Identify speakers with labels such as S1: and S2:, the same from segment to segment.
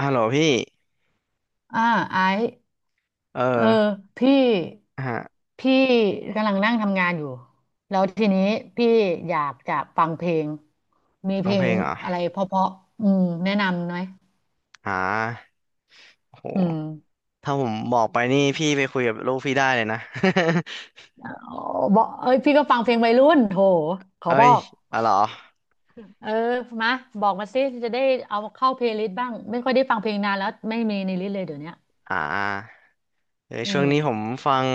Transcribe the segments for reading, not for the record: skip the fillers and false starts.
S1: ฮัลโหลพี่
S2: อ่าไอซ์
S1: เออ
S2: เออพี่
S1: ฮะ
S2: พี่กำลังนั่งทำงานอยู่แล้วทีนี้พี่อยากจะฟังเพลงมี
S1: ฟั
S2: เพ
S1: ง
S2: ล
S1: เพล
S2: ง
S1: งเหรอ
S2: อะไรเพราะๆอืมแนะนำไหม
S1: อ่าโห
S2: อืม
S1: ถ้าผมบอกไปนี่พี่ไปคุยกับลูกพี่ได้เลยนะ
S2: อ๋อบอกเอ้ยพี่ก็ฟังเพลงวัยรุ่นโถ ขอ
S1: เอ้
S2: บอ
S1: ย
S2: ก
S1: อ๋อเหรอ
S2: เออมาบอกมาสิจะได้เอาเข้าเพลย์ลิสต์บ้างไม่ค่อยได้ฟังเพลงนานแล้วไม่มีในลิสต์เลยเดี๋ยวเนี้ย
S1: อ่าเออ
S2: อื
S1: ช่วงนี้ผม
S2: ม
S1: ฟัง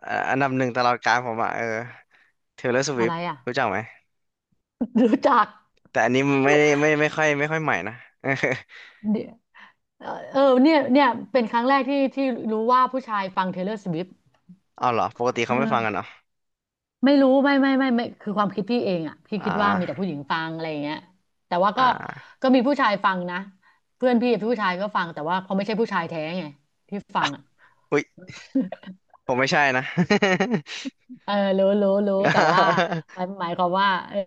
S1: อันดับหนึ่งตลอดกาลผมอ่ะเออ Taylor
S2: อะไร
S1: Swift
S2: อ่ะ
S1: รู้จักไหม
S2: รู้จัก
S1: แต่อันนี้ไม่ได้ไม่ค่อยใหม่นะ
S2: เดี๋ยวเออเออเนี่ยเนี่ยเป็นครั้งแรกที่รู้ว่าผู้ชายฟัง Taylor Swift
S1: เอาเหรอ ปกติ
S2: เอ
S1: เขาไม่ฟังกัน
S2: อ
S1: เหรอ
S2: ไม่รู้ไม่คือความคิดพี่เองอ่ะพี่
S1: อ่
S2: คิดว่ามีแต่
S1: า
S2: ผู้หญิงฟังอะไรอย่างเงี้ยแต่ว่าก็
S1: อ่า
S2: ก็มีผู้ชายฟังนะเพื่อนพี่ผู้ชายก็ฟังแต่ว่าเขาไม่ใช่ผู้ชายแท้ไงที่ฟังอ่ะ
S1: อุ๊ยผมไม่ใช่นะ
S2: เออรู้แต่ว่าหมายความว่าเออ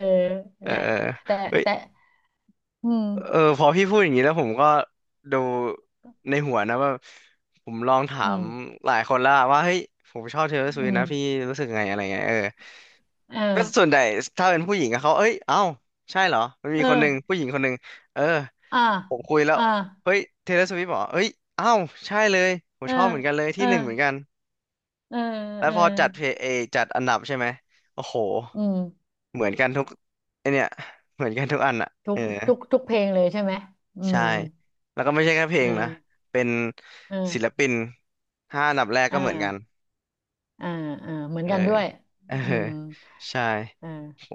S1: เอ
S2: นั่น
S1: อ
S2: แหละ
S1: เออเออ
S2: แต่
S1: เฮ้ย
S2: แต่อืม
S1: เออพอพี่พูดอย่างนี้แล้วผมก็ดูในหัวนะว่าผมลองถา
S2: อื
S1: ม
S2: ม
S1: หลายคนแล้วอะว่าเฮ้ยผมชอบเทย์เลอร์ส
S2: อื
S1: วิฟ
S2: ม
S1: นะพี่รู้สึกไงอะไรเงี้ยเออ
S2: เออ
S1: ก็ส่วนใหญ่ถ้าเป็นผู้หญิงอะเขาเอ้ยเอ้าใช่เหรอมันมี
S2: เอ
S1: คนหนึ่ง
S2: อ
S1: ผู้หญิงคนหนึ่งเออ
S2: อ่า
S1: ผมคุยแล้ว
S2: อ่า
S1: เฮ้ยเทย์เลอร์สวิฟบอกเอ้ยเอ้าใช่เลยผม
S2: เออ
S1: ชอบเหมือนกันเลย
S2: เอ
S1: ที่
S2: อ
S1: หนึ่งเหมือนกัน
S2: เออ
S1: แล้ว
S2: เออ
S1: พอจัดเพลย์เอจัดอันดับใช่ไหมโอ้โห
S2: อืม
S1: เหมือนกันทุกไอเนี่ยเหมือนกันทุกอันอะ
S2: ทุ
S1: เออ
S2: กทุกเพลงเลยใช่ไหมอื
S1: ใช่
S2: ม
S1: แล้วก็ไม่ใช่แค่เพล
S2: เออ
S1: งนะ เป็น
S2: เออ
S1: ศิลปิน ห้าอันดับแรก
S2: เออ
S1: ก็เหมือนกัน
S2: อ่าอ่าเหมือน
S1: เออ
S2: กันด้วย
S1: เออ
S2: อืม
S1: ใช่
S2: อ่า
S1: โห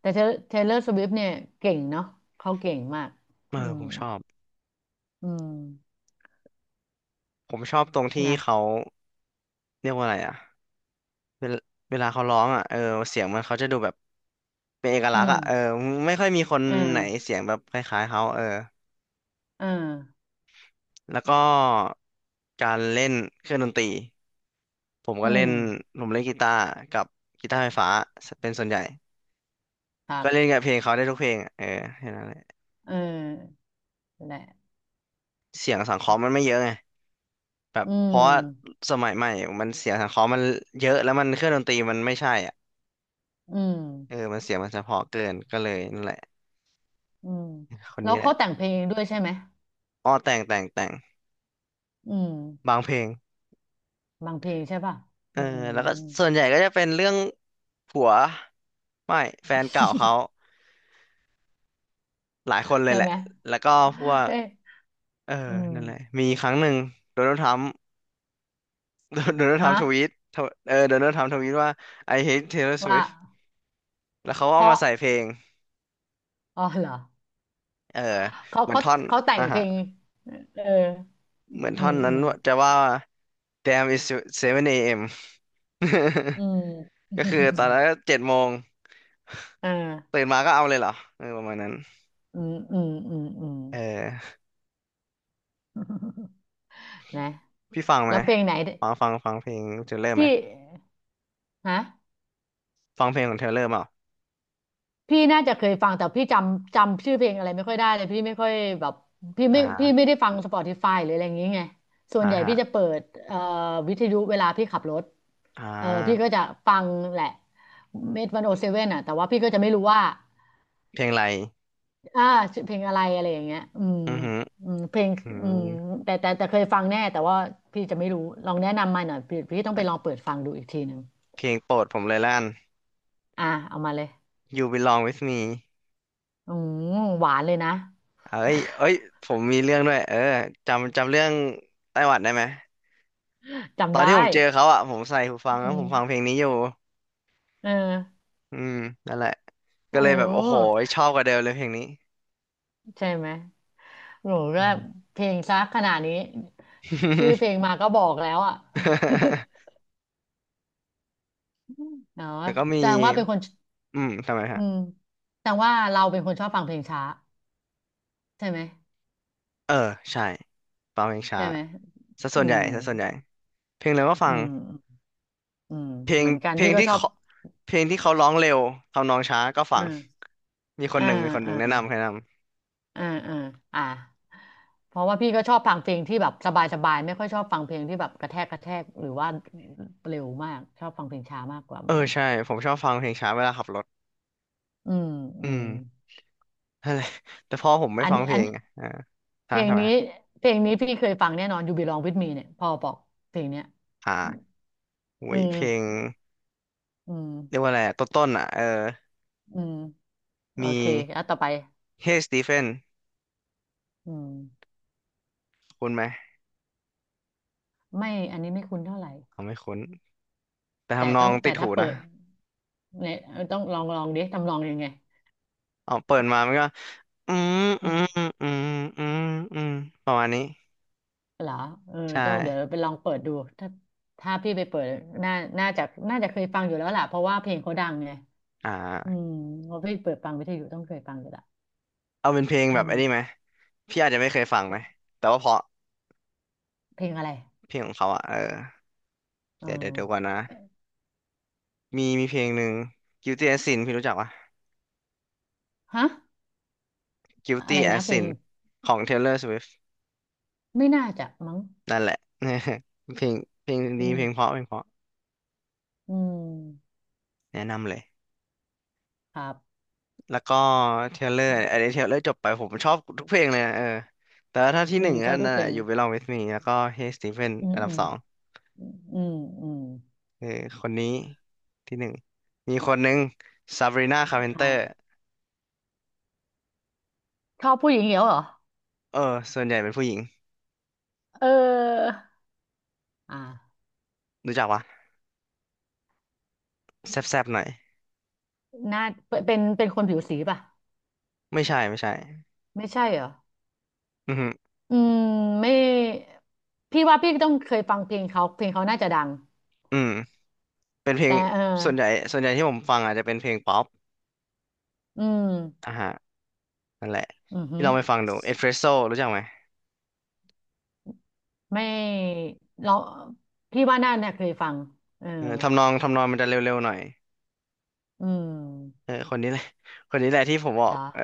S2: แต่เทเลอร์สวิฟเนี่ยเก่งเนาะเขาเก่งมาก
S1: เอ
S2: อื
S1: อ
S2: ม
S1: ผมชอบ
S2: อืม
S1: ผมชอบตรงที่
S2: นะ
S1: เขาเรียกว่าอะไรอะเวลาเวลาเขาร้องอะเออเสียงมันเขาจะดูแบบเป็นเอก
S2: อื
S1: ลักษณ์
S2: ม
S1: อะเออไม่ค่อยมีคน
S2: เอ่า
S1: ไหนเสียงแบบคล้ายๆเขาเออ
S2: อ่า
S1: แล้วก็การเล่นเครื่องดนตรีผมก็
S2: อื
S1: เล่
S2: ม
S1: นผมเล่นกีตาร์กับกีตาร์ไฟฟ้าเป็นส่วนใหญ่
S2: ครั
S1: ก็เล่น
S2: บ
S1: กับเพลงเขาได้ทุกเพลงอะเออแค่นั้นแหละ
S2: เออแหละ
S1: เสียงสังเคราะห์มันไม่เยอะไงแบบ
S2: อื
S1: เพราะว่า
S2: ม
S1: สมัยใหม่มันเสียงสังเคราะห์มันเยอะแล้วมันเครื่องดนตรีมันไม่ใช่อ่ะ
S2: อืม
S1: เออมันเสียงมันเฉพาะเกินก็เลยนั่นแหละ
S2: อืม
S1: คน
S2: แล้
S1: นี้
S2: ว
S1: แห
S2: เขา
S1: ละ
S2: แต่งเพลงด้วยใช่ไหม
S1: อ้อแต่งแต่งแต่ง
S2: อืม
S1: บางเพลง
S2: บางเพลงใช่ป่ะ
S1: เอ
S2: อื
S1: อ
S2: ม
S1: แล้วก็ส่วนใหญ่ก็จะเป็นเรื่องผัวไม่แฟนเก่าเขาหลายคนเลย
S2: ใช่
S1: แหละ
S2: ไหม
S1: แล้วก็พวก
S2: เอ๊ะ
S1: เออ
S2: อืม
S1: นั่นแหละมีครั้งหนึ่งโดนัลด์ทรัมป์ โดนัลด์ทรัม
S2: ฮะ
S1: ป์ทวีตทวเออโดนัลด์ทรัมป์ทวีตว่า I hate Taylor
S2: ว่า
S1: Swift แล้วเขาก็
S2: เพ
S1: เอามา
S2: ราะ
S1: ใส่เพลง
S2: อ๋อเหรอ
S1: เออ
S2: เขา
S1: เหมือน
S2: เขา
S1: ท่อน
S2: เขาแต่
S1: อ่ะ
S2: งเพ
S1: ฮะ
S2: ลงเอออื
S1: เหมือนท่อ
S2: ม
S1: นนั้
S2: อื
S1: น
S2: ม
S1: จะว่า Damn is 7 a.m.
S2: อืม
S1: ก็คือตอนนั้ นก็เจ็ดโมง
S2: อ่า
S1: ตื่นมาก็เอาเลยเหรอเออประมาณนั้น
S2: อืมอืมอืมอืม
S1: เออ
S2: นะ
S1: พี่ฟังไหม
S2: แล้วเพลงไหน
S1: ฟังฟังฟังเพลงเทเลอร์ไหม
S2: ที่ฮะ
S1: ฟังเพลงของเทเลอร์เปล่า
S2: พี่น่าจะเคยฟังแต่พี่จำชื่อเพลงอะไรไม่ค่อยได้เลยพี่ไม่ค่อยแบบพี่
S1: อ่
S2: ไม่พี่
S1: า
S2: ไม่ได้ฟัง Spotify หรืออะไรอย่างงี้ไงส่วน
S1: อ่า
S2: ใหญ่
S1: ฮะ
S2: พี่จะเปิดวิทยุเวลาพี่ขับรถ
S1: อ่
S2: เออพี่
S1: า
S2: ก็จะฟังแหละเมทวันโอเซเว่นอ่ะแต่ว่าพี่ก็จะไม่รู้ว่า
S1: เพลงอะไร
S2: อ่าชื่อเพลงอะไรอะไรอย่างเงี้ยอืม
S1: อือหือ
S2: อืมเพลง
S1: อื
S2: อืม
S1: ม
S2: แต่เคยฟังแน่แต่ว่าพี่จะไม่รู้ลองแนะนำมาหน่อยพี่ต้องไป
S1: เอ้ย
S2: ลองเปิดฟังดูอีกทีหนึ่ง
S1: เพลงโปรดผมเลยล้าน
S2: อ่าเอามาเลย
S1: You Belong With Me
S2: อืมหวานเลยนะ
S1: เอ้ย เอ้ยผมมีเรื่องด้วยเออจำจำเรื่องไต้หวันได้ไหม ต
S2: จำ
S1: อน
S2: ได้
S1: ที่ผมเจอเขาอ่ะผมใส่หูฟัง
S2: อื
S1: แล้วผม
S2: ม
S1: ฟังเพลงนี้อยู่
S2: เออ
S1: อืมนั่นแหละก็
S2: โอ้
S1: เลยแบ
S2: โ
S1: บโอ้โห
S2: ห
S1: ชอบกว่าเดิมเลยเพลงนี้
S2: ใช่ไหมโห ก็
S1: อืม
S2: เพลงซะขนาดนี้ชื่อเพลงมาก็บอกแล้วอ่ะ เนาะ
S1: แล้วก็
S2: แส
S1: มี
S2: ดงว่าเป็นคน
S1: อืมทำไม
S2: อื
S1: ฮะ
S2: มแสดงว่าเราเป็นคนชอบฟังเพลงช้าใช่ไหม
S1: เออใช่ฟังเพลงช้า
S2: ใช่ไหม
S1: ซะ
S2: อื
S1: ส่วนใหญ่
S2: ม
S1: ซะส่วนใหญ่เพลงเร็วก็
S2: อื
S1: ฟัง
S2: ม อืม
S1: เพล
S2: เห
S1: ง
S2: มือนกัน
S1: เพล
S2: พี่
S1: ง
S2: ก็
S1: ที่
S2: ชอบ
S1: เขาเพลงที่เขาร้องเร็วทำนองช้าก็ฟัง
S2: อ่า
S1: มีคน
S2: อ่า
S1: หนึ่งมีคนหนึ่
S2: อ่า
S1: งแนะนำแนะนำ
S2: อ่าอ่าอ่าเพราะว่าพี่ก็ชอบฟังเพลงที่แบบสบายสบายไม่ค่อยชอบฟังเพลงที่แบบกระแทกกระแทกหรือว่าเร็วมากชอบฟังเพลงช้ามากกว่าเห
S1: เอ
S2: มื
S1: อ
S2: อนกัน
S1: ใช่ผมชอบฟังเพลงช้าเวลาขับรถ
S2: อืมอื
S1: อืม
S2: ม
S1: นั่นแหละแต่พ่อผมไม่
S2: อัน
S1: ฟังเพล
S2: อัน
S1: งไงอ่า
S2: เพ
S1: ฮะ
S2: ลง
S1: ทำไม
S2: นี้
S1: ฮะ
S2: เพลงนี้พี่เคยฟังแน่นอน You Belong With Me เนี่ยพอบอกเพลงเนี้ย
S1: อ่า อุ้
S2: อื
S1: ยเพลง
S2: มอื
S1: เรียก
S2: ม
S1: ว่าอะไรอะต้นๆอ่ะเออ
S2: อืมโอ
S1: มี
S2: เคแล้วต่อไป
S1: Hey Stephen
S2: อืม
S1: คุ้นไหม
S2: ไม่อันนี้ไม่คุ้นเท่าไหร่
S1: เอาไม่คุ้นแต่
S2: แต่
S1: ทำนอ
S2: ต้อ
S1: ง
S2: ง
S1: ติ
S2: แต่
S1: ดหู
S2: ถ้า
S1: นะ
S2: เปิดเนี่ยต้องลองลองดิทำลองยังไง
S1: อ๋อเปิดมามันก็อืม
S2: อื
S1: อืม
S2: ม
S1: อืมอืมอืมประมาณนี้
S2: เหรอเออ
S1: ใช่
S2: ต้องเดี๋ยวไปลองเปิดดูถ้าถ้าพี่ไปเปิดน่าน่าจะน่าจะเคยฟังอยู่แล้วล่ะเพราะว่าเพลงเขาดังไง
S1: อ่
S2: อื
S1: า
S2: มเพราะพี่เปิดฟังวิทยุต้องเคยฟังอยู่ละ
S1: เอาเป็นเพลงแบ
S2: อื
S1: บ
S2: ม
S1: อันนี้ไหมพี่อาจจะไม่เคยฟังไหมแต่ว่าเพราะ
S2: เพลงอะไร
S1: เพลงของเขาอ่ะเออ
S2: เออ
S1: เดี๋ยวเดี๋ยวเดี๋ยวก่อนนะมีเพลงหนึ่ง Guilty as Sin พี่รู้จักปะ
S2: ฮะอะ
S1: Guilty
S2: ไรนะ
S1: as
S2: เพลง
S1: Sin ของ Taylor Swift
S2: ไม่น่าจะมั้ง
S1: นั่นแหละ เพลงเพลง
S2: อื
S1: ดีเพลงเพราะ
S2: ม
S1: เพลงเพราะ
S2: อืม
S1: แนะนำเลย
S2: ครับ
S1: แล้วก็เทเลอร์อันนี้เทเลอร์จบไปผมชอบทุกเพลงเลยนะเออแต่ว่าถ้าที่
S2: อื
S1: หนึ่
S2: ม
S1: ง
S2: ช
S1: ก็
S2: อบทุ
S1: นั่
S2: ก
S1: นแห
S2: เพล
S1: ละ
S2: ง
S1: อยู่ Belong With Me แล้วก็ Hey Stephen
S2: อืม
S1: อันดั
S2: อื
S1: บ
S2: ม
S1: สอง
S2: อืมอืม
S1: เออคนนี้ที่หนึ่งมีคนหนึ่ง Sabrina
S2: ใคร
S1: Carpenter
S2: ชอบผู้หญิงเหรอเหรอ
S1: เออส่วนใหญ่เป็นผู้หญิง
S2: เออ อ่า
S1: รู้จักปะแซบๆหน่อย
S2: หน้าเป็นคนผิวสีป่ะ
S1: ไม่ใช่ไม่ใช่
S2: ไม่ใช่เหรอ
S1: อือหือ
S2: อืมไม่พี่ว่าพี่ต้องเคยฟังเพลงเขาเพลงเขาน่าจะดัง
S1: อืมเป็นเพลง
S2: แต่เออ
S1: ส่วนใหญ่ส่วนใหญ่ที่ผมฟังอาจจะเป็นเพลงป๊อป
S2: อืม
S1: อ่ะฮะนั่นแหละ
S2: อือหื
S1: ที่
S2: อ
S1: เราไปฟังดู Espresso รู้จักไหม
S2: ไม่เราพี่ว่าน่าเนี่ยเคยฟังเออ
S1: เออทำนองมันจะเร็วๆหน่อย
S2: อืม
S1: เออคนนี้แหละคนนี้แหละที่ผมบอ
S2: เห
S1: ก
S2: รอ
S1: เออ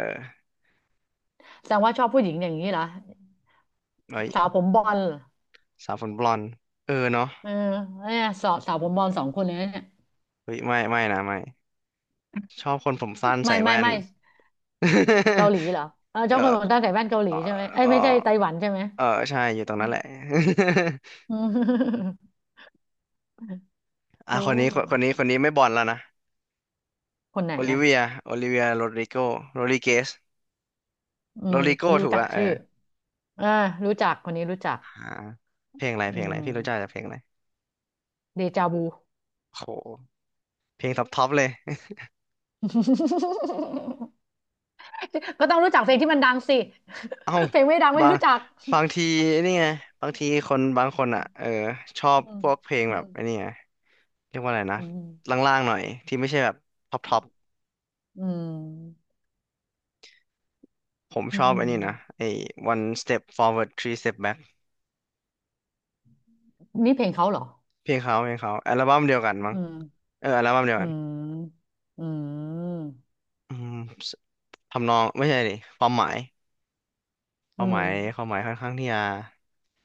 S2: แสดงว่าชอบผู้หญิงอย่างนี้เหรอ
S1: เอ้
S2: สาว
S1: ย
S2: ผมบอลเหรอ
S1: สาวผมบลอนด์เออเนาะ
S2: เออเนี่ยสาวสาวผมบอลสองคนเลยนะเนี่ย
S1: เฮ้ยไม่ไม่นะไม่ชอบคนผมสั้นใส่
S2: ไม่ไม่
S1: แว่น
S2: ไม่เกาหลีเหรอเออ
S1: เอ
S2: เจ้า
S1: อ
S2: คนผมตาใส่แว่นเกาหลี
S1: เออ
S2: ใช่ไหมเอ้
S1: เอ
S2: ย
S1: อ
S2: ไม่ใช่ไต้หวันใช่ไหม
S1: เออใช่อยู่ตรงนั้นแหละ
S2: อืม
S1: อ่ะ
S2: โอ้
S1: คนนี้คนนี้ไม่บอลแล้วนะ
S2: คนไหน
S1: โอลิ
S2: อ่ะ
S1: เวียโรดริโกโรดริเกส
S2: อื
S1: โร
S2: ม
S1: ดริโก
S2: รู้
S1: ถูก
S2: จัก
S1: ละเอ
S2: ชื่อ
S1: อ
S2: อ่ารู้จัก คนนี้รู้จัก
S1: อ่าเพลงอะไร
S2: อืม
S1: พี่รู้จักจากเพลงอะไร
S2: เดจาวู
S1: โหเพลงท็อปท็อปเลย
S2: ก็ต้องรู้จักเพลงที่มันดังสิ
S1: เอ้า
S2: เพลงไม่ดังไม่
S1: บาง
S2: รู้จัก
S1: บางทีนี่ไงบางทีคนบางคนอ่ะเออชอบ
S2: อืม
S1: พวกเพลง
S2: อื
S1: แบบ
S2: ม
S1: ไอ้นี่ไง เรียกว่าอะไรนะ
S2: อืม
S1: ล่างๆหน่อยที่ไม่ใช่แบบท็อปท็อป
S2: อืม
S1: ผม
S2: อื
S1: ชอบอันนี้นะ
S2: ม
S1: ไอ้ one step forward three step back
S2: นี่เพลงเขาเหรอ
S1: เพลงเขาอัลบั้มเดียวกันมั้ง
S2: อืม
S1: เอออัลบั้มเดียว
S2: อื
S1: กัน
S2: มอืม
S1: อืมสทำนองไม่ใช่ดิความหมายค
S2: อื
S1: วามหมา
S2: ม
S1: ยความหมายค่อนข้างที่จะ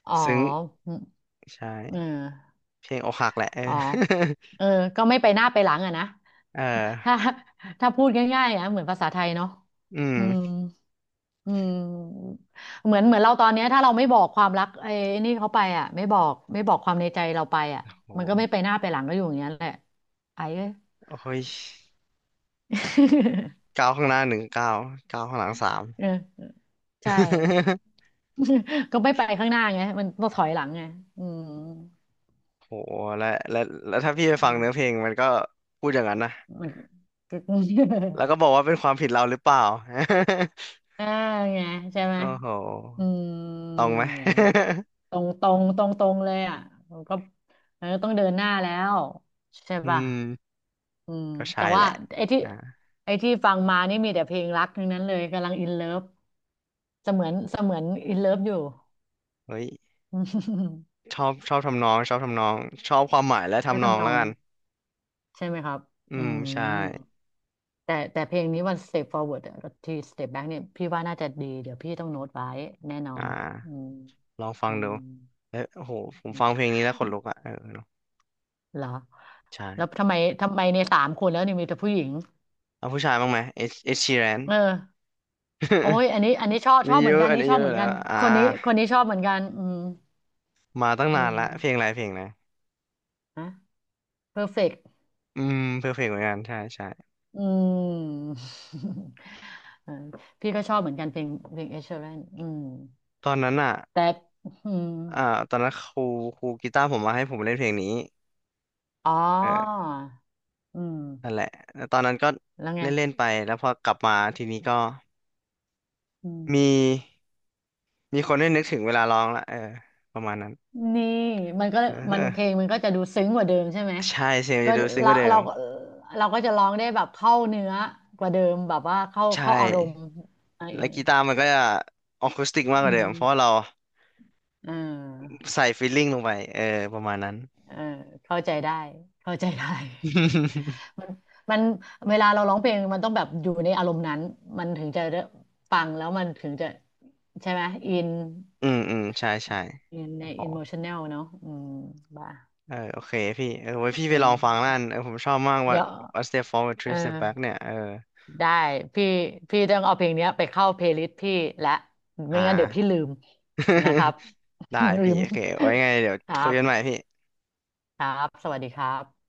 S2: อ๋อ
S1: ซึ้ง
S2: อืม
S1: ใช่
S2: เออ
S1: เพลงอกหักแหละเอ
S2: อ๋อ
S1: อ
S2: เออก็ไม่ไปหน้าไปหลังอะนะ
S1: เ
S2: ถ้า
S1: ออ
S2: ถ้าพูดง่ายๆอ่ะเหมือนภาษาไทยเนาะ
S1: อื
S2: อืม
S1: ม
S2: อืมเหมือนเหมือนเราตอนเนี้ยถ้าเราไม่บอกความรักไอ้นี่เขาไปอ่ะไม่บอกไม่บอกความในใจเราไปอ่ะมันก็
S1: โห
S2: ไม่ไปหน้าไปหลังก็อยู่อย่างเงี้ยแหละไอ้เอ้ย
S1: โอ้ย ก้าวข้างหน้าหนึ่งก้าวก้าวข้างหลังสาม
S2: เออใช่ ก็ไม่ไปข้างหน้าไงมันต้องถอยหลังไงอืม
S1: โหและและและถ้าพี่ไป
S2: อื
S1: ฟังเนื้อเพล
S2: ม
S1: งมันก็พูดอย่างนั้นนะ
S2: มันก็
S1: แล้วก็บอกว่าเป็นความผิดเราหรือเปล่า
S2: อ่าไงใช่ไหม
S1: โอ้โห
S2: อืม
S1: ตรงไหม
S2: ไงตรงตรงตรงตรงเลยอ่ะมันก็มันก็ต้องเดินหน้าแล้วใช่
S1: อื
S2: ป่ะ
S1: ม
S2: อืม
S1: ก็ใช่
S2: แต่
S1: แห
S2: ว่า
S1: ละ
S2: ไอ้ที่
S1: อ่า
S2: ไอ้ที่ฟังมานี่มีแต่เพลงรักทั้งนั้นเลยกำลังอินเลิฟเสมือนอินเลิฟอยู่
S1: เฮ้ย
S2: อืม
S1: ชอบทำนองชอบความหมายและ
S2: ก็
S1: ทำนอง
S2: ทำน
S1: แล้
S2: อ
S1: ว
S2: ง
S1: กัน
S2: ใช่ไหมครับ
S1: อื
S2: อื
S1: มใช่
S2: มแต่แต่เพลงนี้วัน Step Forward อะที่ Step Back เนี่ยพี่ว่าน่าจะดีเดี๋ยวพี่ต้องโน้ตไว้แน่นอ
S1: อ่
S2: นอื
S1: า
S2: ม
S1: ลองฟัง
S2: อื
S1: ดูเอ้ยโอ้โห ผมฟังเพ
S2: ม
S1: ลงนี้แล้วขนลุกอ่ะเออเนอะ
S2: เหรอ
S1: ใช่
S2: แล้วทำไมทำไมเนี่ยสามคนแล้วเนี่ยมีแต่ผู้หญิง
S1: เอาผู้ชายบ้างไหมเอชเอ ชีแรน
S2: เออโอ้ยอันนี้อันนี้ชอบ ช
S1: นี่
S2: อบเห
S1: เย
S2: มือน
S1: อะ
S2: กัน
S1: อัน
S2: นี่
S1: นี้
S2: ชอ
S1: เย
S2: บ
S1: อะ
S2: เหมือน
S1: แล้
S2: กั
S1: ว
S2: น
S1: อ่า
S2: คนนี้คนนี้ชอบเหมือนกันอืม
S1: มาตั้ง
S2: อื
S1: นาน
S2: ม
S1: ละ เพลงอะไรเพลงไหน
S2: นะเพอร์เฟกต์
S1: อืมเพลงเหมือนกันใช่ใช่
S2: อืม เออพี่ก็ชอบเหมือนกันเพลงเพลงเอชเชอรนอืม
S1: ตอนนั้นอ่ะ
S2: แต่อืม
S1: อ่าตอนนั้นครูกีตาร์ผมมาให้ผมเล่นเพลงนี้
S2: อ๋อ
S1: เออ
S2: อืม
S1: นั่นแหละแล้วตอนนั้นก็
S2: แล้วไง
S1: เล่นเล่นไปแล้วพอกลับมาทีนี้ก็
S2: อื
S1: มี
S2: ม
S1: มีคนได้นึกถึงเวลาร้องละเออประมาณนั้น
S2: นี่มันก็
S1: เอ
S2: มัน
S1: อ
S2: เพลงมันก็จะดูซึ้งกว่าเดิมใช่ไหม
S1: ใช่เสียงมัน
S2: ก็
S1: จะดูซึ้งก
S2: เรา
S1: ว่าเดิ
S2: เรา
S1: ม
S2: เราก็จะร้องได้แบบเข้าเนื้อกว่าเดิมแบบว่าเข้า
S1: ใช่
S2: เข้าอารมณ์อะไรอ
S1: แล้
S2: ย่า
S1: ว
S2: งเงี้
S1: กี
S2: ย
S1: ตาร์มันก็จะออคูสติกมากก
S2: อื
S1: ว่าเดิ
S2: ม
S1: มเพราะว่าเรา
S2: เออ
S1: ใส่ฟีลลิ่งลงไปเออประมาณนั้น
S2: เออเข้าใจได้เข้าใจได้ มันมันเวลาเราร้องเพลงมันต้องแบบอยู่ในอารมณ์นั้นมันถึงจะได้ฟังแล้วมันถึงจะใช่ไหมอิน
S1: อืมอืมใช่ใช่
S2: อินใน
S1: โอ้โห
S2: อิ o มชันแนลเนาะอืมบ้า
S1: เออโอเคพี่เออไว้พี่
S2: เอ
S1: ไปลองฟังนั่
S2: อ
S1: นเออผมชอบมากว่า
S2: เดี๋ยว
S1: One Step Forward
S2: เออ
S1: Three Step Back เนี่ยเออ
S2: ได้พี่พี่ต้องเอาเพลงเนี้ยไปเข้าเพลย์ลิสต์พี่และ
S1: อ่
S2: ไม่งั้นเดี๋ยวพี่
S1: า
S2: ลืมนะครับ
S1: ได้
S2: ลื
S1: พี่
S2: ม
S1: โอเคไว้ไงเดี๋ยว
S2: ครั
S1: คุย
S2: บ
S1: กันใหม่พี่
S2: ครับสวัสดีครับ